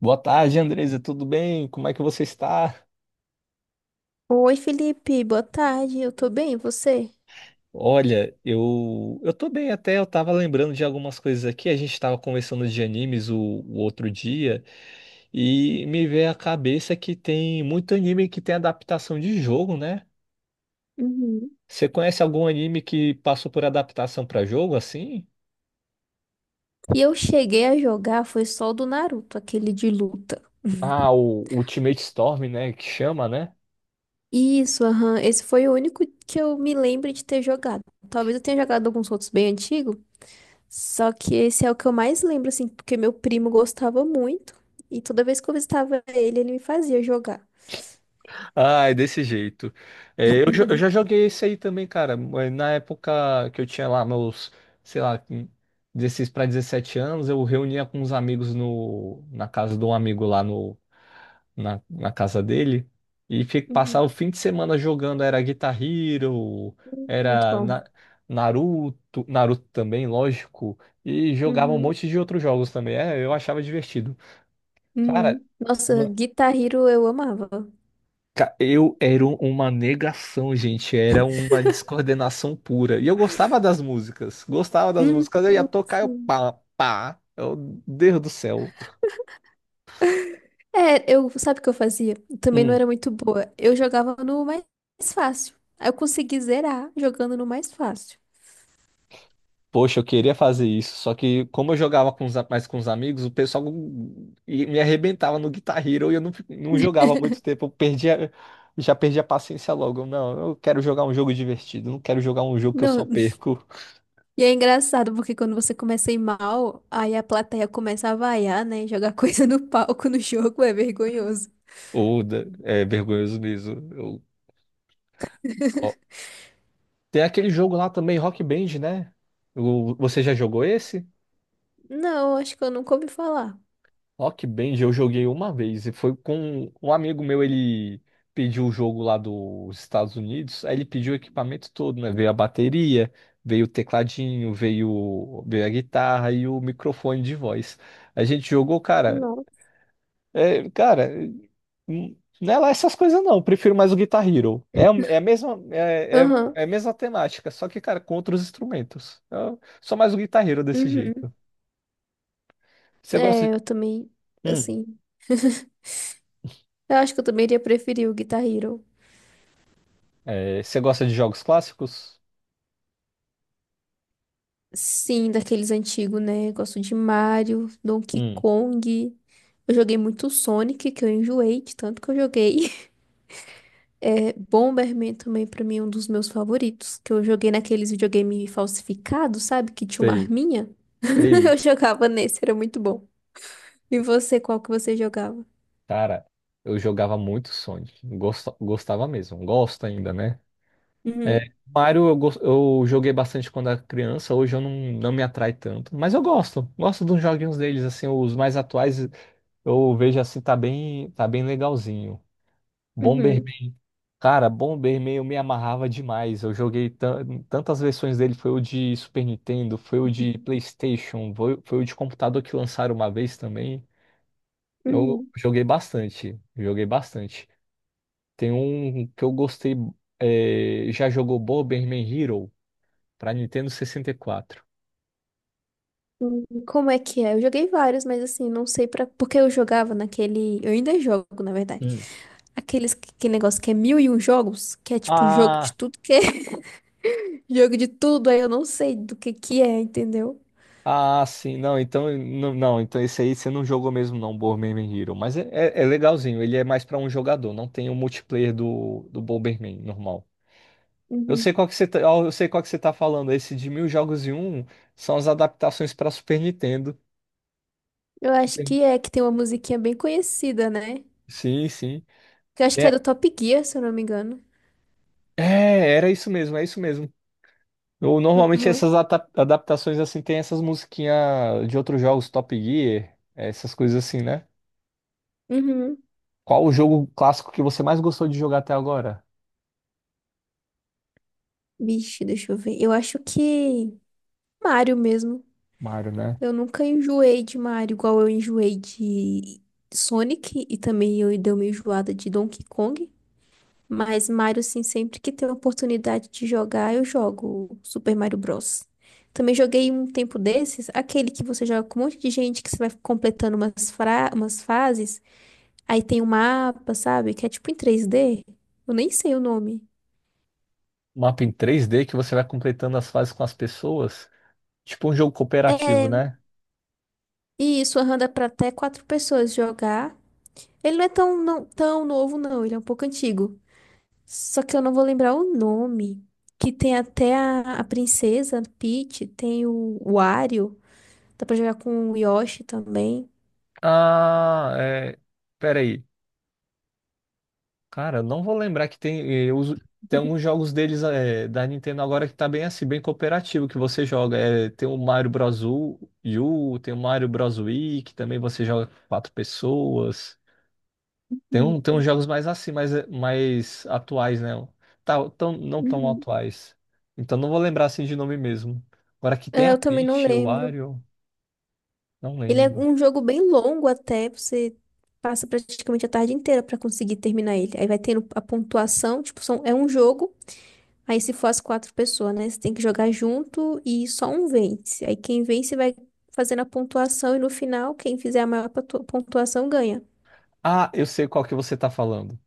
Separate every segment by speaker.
Speaker 1: Boa tarde, Andresa, tudo bem? Como é que você está?
Speaker 2: Oi, Felipe, boa tarde. Eu tô bem, e você?
Speaker 1: Olha, eu tô bem até, eu tava lembrando de algumas coisas aqui, a gente tava conversando de animes o outro dia e me veio à cabeça que tem muito anime que tem adaptação de jogo, né?
Speaker 2: Uhum.
Speaker 1: Você conhece algum anime que passou por adaptação para jogo assim?
Speaker 2: Eu cheguei a jogar foi só o do Naruto, aquele de luta.
Speaker 1: Ah, o Ultimate Storm, né, que chama, né?
Speaker 2: Isso, aham. Esse foi o único que eu me lembro de ter jogado. Talvez eu tenha jogado alguns outros bem antigos, só que esse é o que eu mais lembro, assim, porque meu primo gostava muito e toda vez que eu visitava ele, ele me fazia jogar.
Speaker 1: Ai, desse jeito. É, eu já joguei esse aí também, cara, mas na época que eu tinha lá meus, sei lá, 16 para 17 anos, eu reunia com uns amigos no, na casa de um amigo lá no, na, na casa dele e passava
Speaker 2: Uhum.
Speaker 1: o fim de semana jogando. Era Guitar Hero,
Speaker 2: Muito
Speaker 1: era
Speaker 2: bom.
Speaker 1: Na- Naruto, Naruto também, lógico, e jogava um
Speaker 2: Uhum.
Speaker 1: monte de outros jogos também. É, eu achava divertido. Cara.
Speaker 2: Uhum. Nossa, Guitar Hero eu amava.
Speaker 1: Eu era uma negação, gente. Era uma descoordenação pura. E eu gostava das músicas. Gostava das
Speaker 2: Uhum.
Speaker 1: músicas. Eu ia tocar, eu pá, pá. Deus do céu.
Speaker 2: É, eu, sabe o que eu fazia? Também não
Speaker 1: Hum,
Speaker 2: era muito boa. Eu jogava no mais fácil. Aí eu consegui zerar jogando no mais fácil.
Speaker 1: poxa, eu queria fazer isso. Só que, como eu jogava com os mais com os amigos, o pessoal me arrebentava no Guitar Hero e eu não jogava há muito tempo. Eu perdia, já perdi a paciência logo. Não, eu quero jogar um jogo divertido. Não quero jogar um jogo que eu só
Speaker 2: Não,
Speaker 1: perco.
Speaker 2: e é engraçado porque quando você começa a ir mal, aí a plateia começa a vaiar, né? Jogar coisa no palco no jogo é vergonhoso.
Speaker 1: Ou é vergonhoso mesmo. Eu. Tem aquele jogo lá também, Rock Band, né? Você já jogou esse?
Speaker 2: Não, acho que eu nunca ouvi falar.
Speaker 1: Rock Band eu joguei uma vez e foi com um amigo meu, ele pediu o jogo lá dos Estados Unidos, aí ele pediu o equipamento todo, né? Veio a bateria, veio o tecladinho, veio a guitarra e o microfone de voz. A gente jogou, cara.
Speaker 2: Não.
Speaker 1: É, cara, não é lá essas coisas, não. Eu prefiro mais o Guitar Hero. É, é a mesma, é, é,
Speaker 2: Aham.
Speaker 1: é a mesma temática, só que, cara, com outros instrumentos. Eu sou mais o Guitar Hero desse
Speaker 2: Uhum.
Speaker 1: jeito. Você gosta
Speaker 2: É,
Speaker 1: de.
Speaker 2: eu também,
Speaker 1: Hum,
Speaker 2: assim, eu acho que eu também iria preferir o Guitar Hero.
Speaker 1: é, você gosta de jogos clássicos?
Speaker 2: Sim, daqueles antigos, né? Gosto de Mario, Donkey
Speaker 1: Hum,
Speaker 2: Kong. Eu joguei muito Sonic, que eu enjoei de tanto que eu joguei. É, Bomberman também, pra mim, é um dos meus favoritos. Que eu joguei naqueles videogame falsificados, sabe? Que tinha uma
Speaker 1: sei,
Speaker 2: arminha. Eu
Speaker 1: sei.
Speaker 2: jogava nesse, era muito bom. E você, qual que você jogava?
Speaker 1: Cara, eu jogava muito Sonic. Gostava mesmo. Gosto ainda, né? É,
Speaker 2: Uhum,
Speaker 1: Mario eu joguei bastante quando era criança, hoje eu não me atrai tanto, mas eu gosto dos joguinhos deles, assim, os mais atuais. Eu vejo assim, tá bem legalzinho.
Speaker 2: uhum,
Speaker 1: Bomberman, cara, Bomberman eu me amarrava demais. Eu joguei tantas versões dele, foi o de Super Nintendo, foi o de PlayStation, foi o de computador que lançaram uma vez também. Eu
Speaker 2: uhum.
Speaker 1: joguei bastante, joguei bastante. Tem um que eu gostei, é, já jogou Bomberman Hero pra Nintendo 64.
Speaker 2: Como é que é? Eu joguei vários, mas assim, não sei pra... Porque eu jogava naquele... Eu ainda jogo, na verdade.
Speaker 1: Hum.
Speaker 2: Aqueles que negócio que é mil e um jogos, que é tipo jogo de
Speaker 1: Ah,
Speaker 2: tudo, que é jogo de tudo, aí eu não sei do que é, entendeu?
Speaker 1: Ah, sim, não, então, não, então esse aí você não jogou mesmo não, Bomberman Hero, mas é legalzinho, ele é mais pra um jogador, não tem o multiplayer do Bomberman normal. Eu
Speaker 2: Uhum.
Speaker 1: sei qual que você tá, ó, eu sei qual que você tá falando, esse de mil jogos e um são as adaptações pra Super Nintendo.
Speaker 2: Eu acho
Speaker 1: Super-
Speaker 2: que é, que tem uma musiquinha bem conhecida, né?
Speaker 1: Sim, sim.
Speaker 2: Que eu acho que é
Speaker 1: É,
Speaker 2: do Top Gear, se eu não me engano.
Speaker 1: é, era isso mesmo, é isso mesmo. Normalmente
Speaker 2: Uhum.
Speaker 1: essas adaptações assim tem essas musiquinhas de outros jogos, Top Gear, essas coisas assim, né?
Speaker 2: Uhum.
Speaker 1: Qual o jogo clássico que você mais gostou de jogar até agora?
Speaker 2: Vixe, deixa eu ver. Eu acho que Mario mesmo.
Speaker 1: Mario, né?
Speaker 2: Eu nunca enjoei de Mario, igual eu enjoei de Sonic e também eu dei uma enjoada de Donkey Kong. Mas Mario, sim, sempre que tem a oportunidade de jogar, eu jogo o Super Mario Bros. Também joguei um tempo desses, aquele que você joga com um monte de gente, que você vai completando umas, fra umas fases, aí tem um mapa, sabe? Que é tipo em 3D. Eu nem sei o nome.
Speaker 1: Mapa em 3D que você vai completando as fases com as pessoas. Tipo um jogo cooperativo,
Speaker 2: É,
Speaker 1: né?
Speaker 2: e isso aham, dá pra até quatro pessoas jogar. Ele não é tão, não, tão novo, não, ele é um pouco antigo. Só que eu não vou lembrar o nome. Que tem até a princesa Peach, tem o Wario. Dá pra jogar com o Yoshi também.
Speaker 1: Ah, é. Peraí. Cara, eu não vou lembrar que tem. Eu uso. Tem alguns jogos deles é, da Nintendo agora que tá bem assim, bem cooperativo, que você joga. É, tem o Mario Bros. U, tem o Mario Bros. Wii, que também você joga com quatro pessoas. Tem,
Speaker 2: Uhum,
Speaker 1: tem uns jogos mais assim, mais atuais, né? Tá, não tão
Speaker 2: uhum.
Speaker 1: atuais. Então não vou lembrar assim de nome mesmo. Agora que tem
Speaker 2: É,
Speaker 1: a
Speaker 2: eu também não
Speaker 1: Peach, o
Speaker 2: lembro.
Speaker 1: Wario. Não
Speaker 2: Ele é
Speaker 1: lembro.
Speaker 2: um jogo bem longo até, você passa praticamente a tarde inteira pra conseguir terminar ele. Aí vai tendo a pontuação, tipo, são, é um jogo, aí se for as quatro pessoas, né? Você tem que jogar junto e só um vence. Aí quem vence vai fazendo a pontuação e no final, quem fizer a maior pontuação ganha.
Speaker 1: Ah, eu sei qual que você tá falando.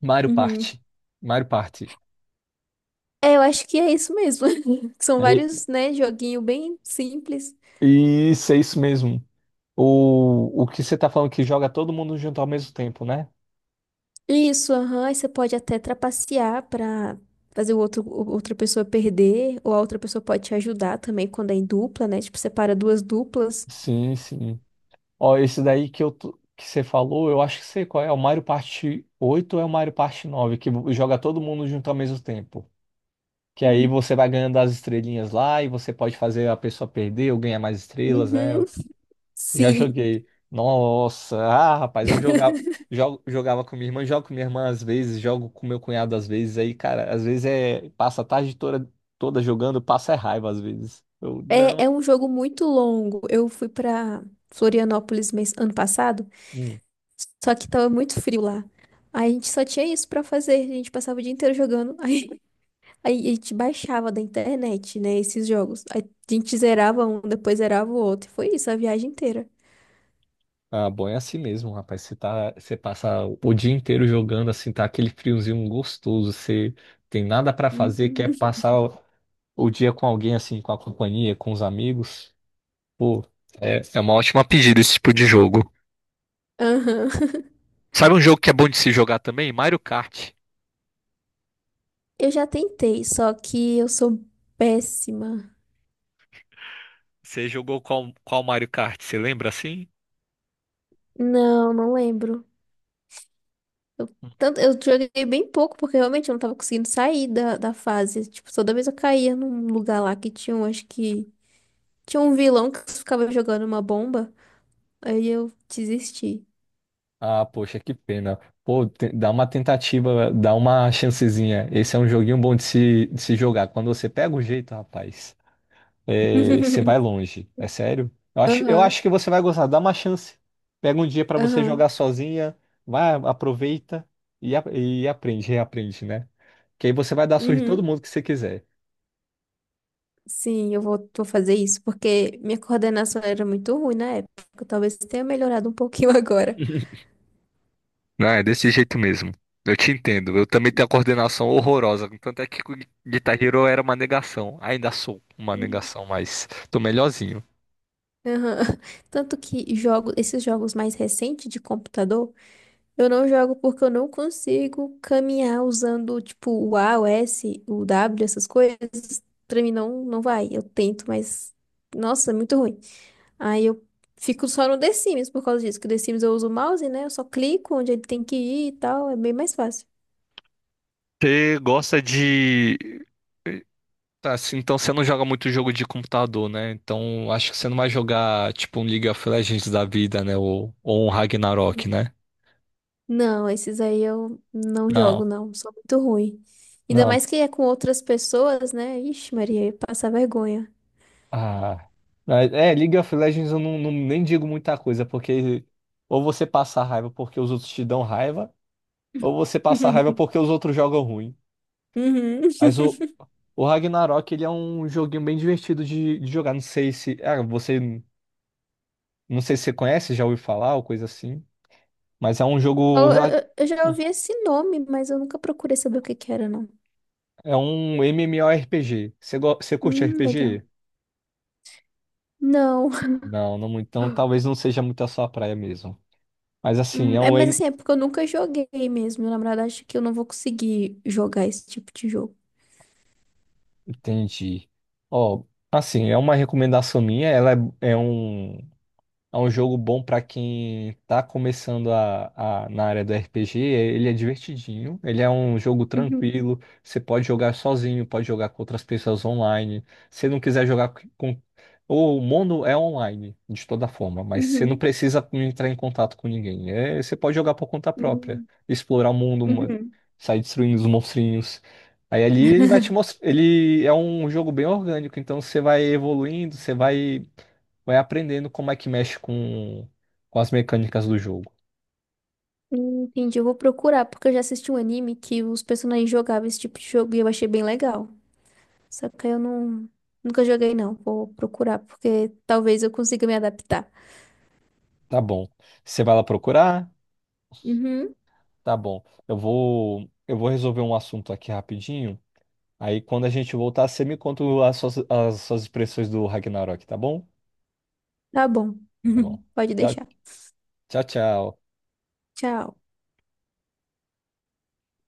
Speaker 1: Mario
Speaker 2: Uhum.
Speaker 1: Party. Mario Party.
Speaker 2: É, eu acho que é isso mesmo. São vários, né, joguinho bem simples.
Speaker 1: E, isso, é isso mesmo. O que você tá falando que joga todo mundo junto ao mesmo tempo, né?
Speaker 2: Isso, aham, aí você pode até trapacear pra fazer o outro, outra pessoa perder, ou a outra pessoa pode te ajudar também quando é em dupla, né? Tipo, separa duas duplas.
Speaker 1: Sim, sim. Ó, esse daí que que você falou, eu acho que sei qual é. É o Mario Party 8 ou é o Mario Party 9 que joga todo mundo junto ao mesmo tempo. Que aí
Speaker 2: Hum.
Speaker 1: você vai ganhando as estrelinhas lá e você pode fazer a pessoa perder ou ganhar mais estrelas, né?
Speaker 2: Uhum,
Speaker 1: Já
Speaker 2: sim.
Speaker 1: joguei. Nossa, ah, rapaz, eu jogava, jogo, jogava com minha irmã, jogo com minha irmã às vezes, jogo com meu cunhado às vezes. Aí, cara, às vezes é, passa a tarde toda, jogando, passa é raiva às vezes.
Speaker 2: É,
Speaker 1: Não.
Speaker 2: é um jogo muito longo. Eu fui pra Florianópolis mês, ano passado,
Speaker 1: Hum.
Speaker 2: só que tava muito frio lá. Aí a gente só tinha isso pra fazer. A gente passava o dia inteiro jogando. Aí a gente baixava da internet, né, esses jogos. Aí a gente zerava um, depois zerava o outro. E foi isso a viagem inteira.
Speaker 1: Ah, bom, é assim mesmo, rapaz. Você passa o dia inteiro jogando, assim, tá aquele friozinho gostoso. Você tem nada pra fazer,
Speaker 2: Uhum.
Speaker 1: quer passar o dia com alguém, assim, com a companhia, com os amigos. Pô, é uma ótima pedida esse tipo de jogo.
Speaker 2: Aham.
Speaker 1: Sabe um jogo que é bom de se jogar também? Mario Kart.
Speaker 2: Eu já tentei, só que eu sou péssima.
Speaker 1: Você jogou qual Mario Kart? Você lembra assim?
Speaker 2: Não, não lembro. Eu, tanto, eu joguei bem pouco, porque realmente eu não tava conseguindo sair da fase. Tipo, toda vez eu caía num lugar lá que tinha um, acho que... Tinha um vilão que ficava jogando uma bomba. Aí eu desisti.
Speaker 1: Ah, poxa, que pena. Pô, dá uma tentativa, dá uma chancezinha. Esse é um joguinho bom de se jogar. Quando você pega o jeito, rapaz, é, você vai longe. É sério? Eu acho, eu
Speaker 2: Aham,
Speaker 1: acho que você vai gostar. Dá uma chance. Pega um dia pra você jogar
Speaker 2: aham.
Speaker 1: sozinha, vai, aproveita e aprende, reaprende, né? Que aí você vai dar surra em todo
Speaker 2: Uhum.
Speaker 1: mundo que você quiser.
Speaker 2: Sim, eu vou, vou fazer isso, porque minha coordenação era muito ruim na época. Talvez tenha melhorado um pouquinho agora.
Speaker 1: Não, é desse jeito mesmo. Eu te entendo. Eu também tenho a coordenação horrorosa. Tanto é que com Guitar Hero eu era uma negação. Ainda sou uma negação, mas tô melhorzinho.
Speaker 2: Aham. Tanto que jogo, esses jogos mais recentes de computador, eu não jogo porque eu não consigo caminhar usando, tipo, o A, o S, o W, essas coisas. Pra mim não, não vai. Eu tento, mas, nossa, é muito ruim. Aí eu fico só no The Sims por causa disso, que o The Sims eu uso o mouse, né? Eu só clico onde ele tem que ir e tal, é bem mais fácil.
Speaker 1: Você gosta de. Tá, assim, então você não joga muito jogo de computador, né? Então acho que você não vai jogar tipo um League of Legends da vida, né? Ou um Ragnarok, né?
Speaker 2: Não, esses aí eu não jogo,
Speaker 1: Não,
Speaker 2: não. Sou muito ruim. Ainda
Speaker 1: não.
Speaker 2: mais que é com outras pessoas, né? Ixi, Maria, passa vergonha.
Speaker 1: Ah. Mas, é, League of Legends eu nem digo muita coisa, porque ou você passa raiva porque os outros te dão raiva. Ou você passa raiva porque os outros jogam ruim.
Speaker 2: Uhum.
Speaker 1: Mas o Ragnarok, ele é um joguinho bem divertido de jogar. Não sei se. Ah, você. Não sei se você conhece, já ouviu falar ou coisa assim. Mas é um jogo.
Speaker 2: Eu, eu já ouvi esse nome, mas eu nunca procurei saber o que que era, não.
Speaker 1: É um MMORPG. Você curte
Speaker 2: Legal.
Speaker 1: RPG?
Speaker 2: Não.
Speaker 1: Não, não muito. Então talvez não seja muito a sua praia mesmo. Mas assim, é
Speaker 2: É,
Speaker 1: um.
Speaker 2: mas assim, é porque eu nunca joguei mesmo. Na verdade, acho que eu não vou conseguir jogar esse tipo de jogo.
Speaker 1: Entendi. Ó, assim, é uma recomendação minha. Ela é um. É um jogo bom pra quem tá começando na área do RPG. Ele é divertidinho, ele é um jogo
Speaker 2: Uhum,
Speaker 1: tranquilo. Você pode jogar sozinho, pode jogar com outras pessoas online. Se não quiser jogar com. O mundo é online, de toda forma, mas você não
Speaker 2: uhum,
Speaker 1: precisa entrar em contato com ninguém. É, você pode jogar por conta própria,
Speaker 2: hum,
Speaker 1: explorar o mundo,
Speaker 2: uhum.
Speaker 1: sair destruindo os monstrinhos. Aí ali ele vai te mostrar. Ele é um jogo bem orgânico, então você vai evoluindo, você vai aprendendo como é que mexe com as mecânicas do jogo.
Speaker 2: Entendi, eu vou procurar, porque eu já assisti um anime que os personagens jogavam esse tipo de jogo e eu achei bem legal. Só que eu não, nunca joguei, não. Vou procurar, porque talvez eu consiga me adaptar.
Speaker 1: Tá bom. Você vai lá procurar?
Speaker 2: Uhum,
Speaker 1: Tá bom. Eu vou resolver um assunto aqui rapidinho. Aí quando a gente voltar, você me conta as suas expressões do Ragnarok, tá bom?
Speaker 2: tá bom.
Speaker 1: Tá bom.
Speaker 2: Pode
Speaker 1: Tchau,
Speaker 2: deixar.
Speaker 1: tchau, tchau.
Speaker 2: Tchau.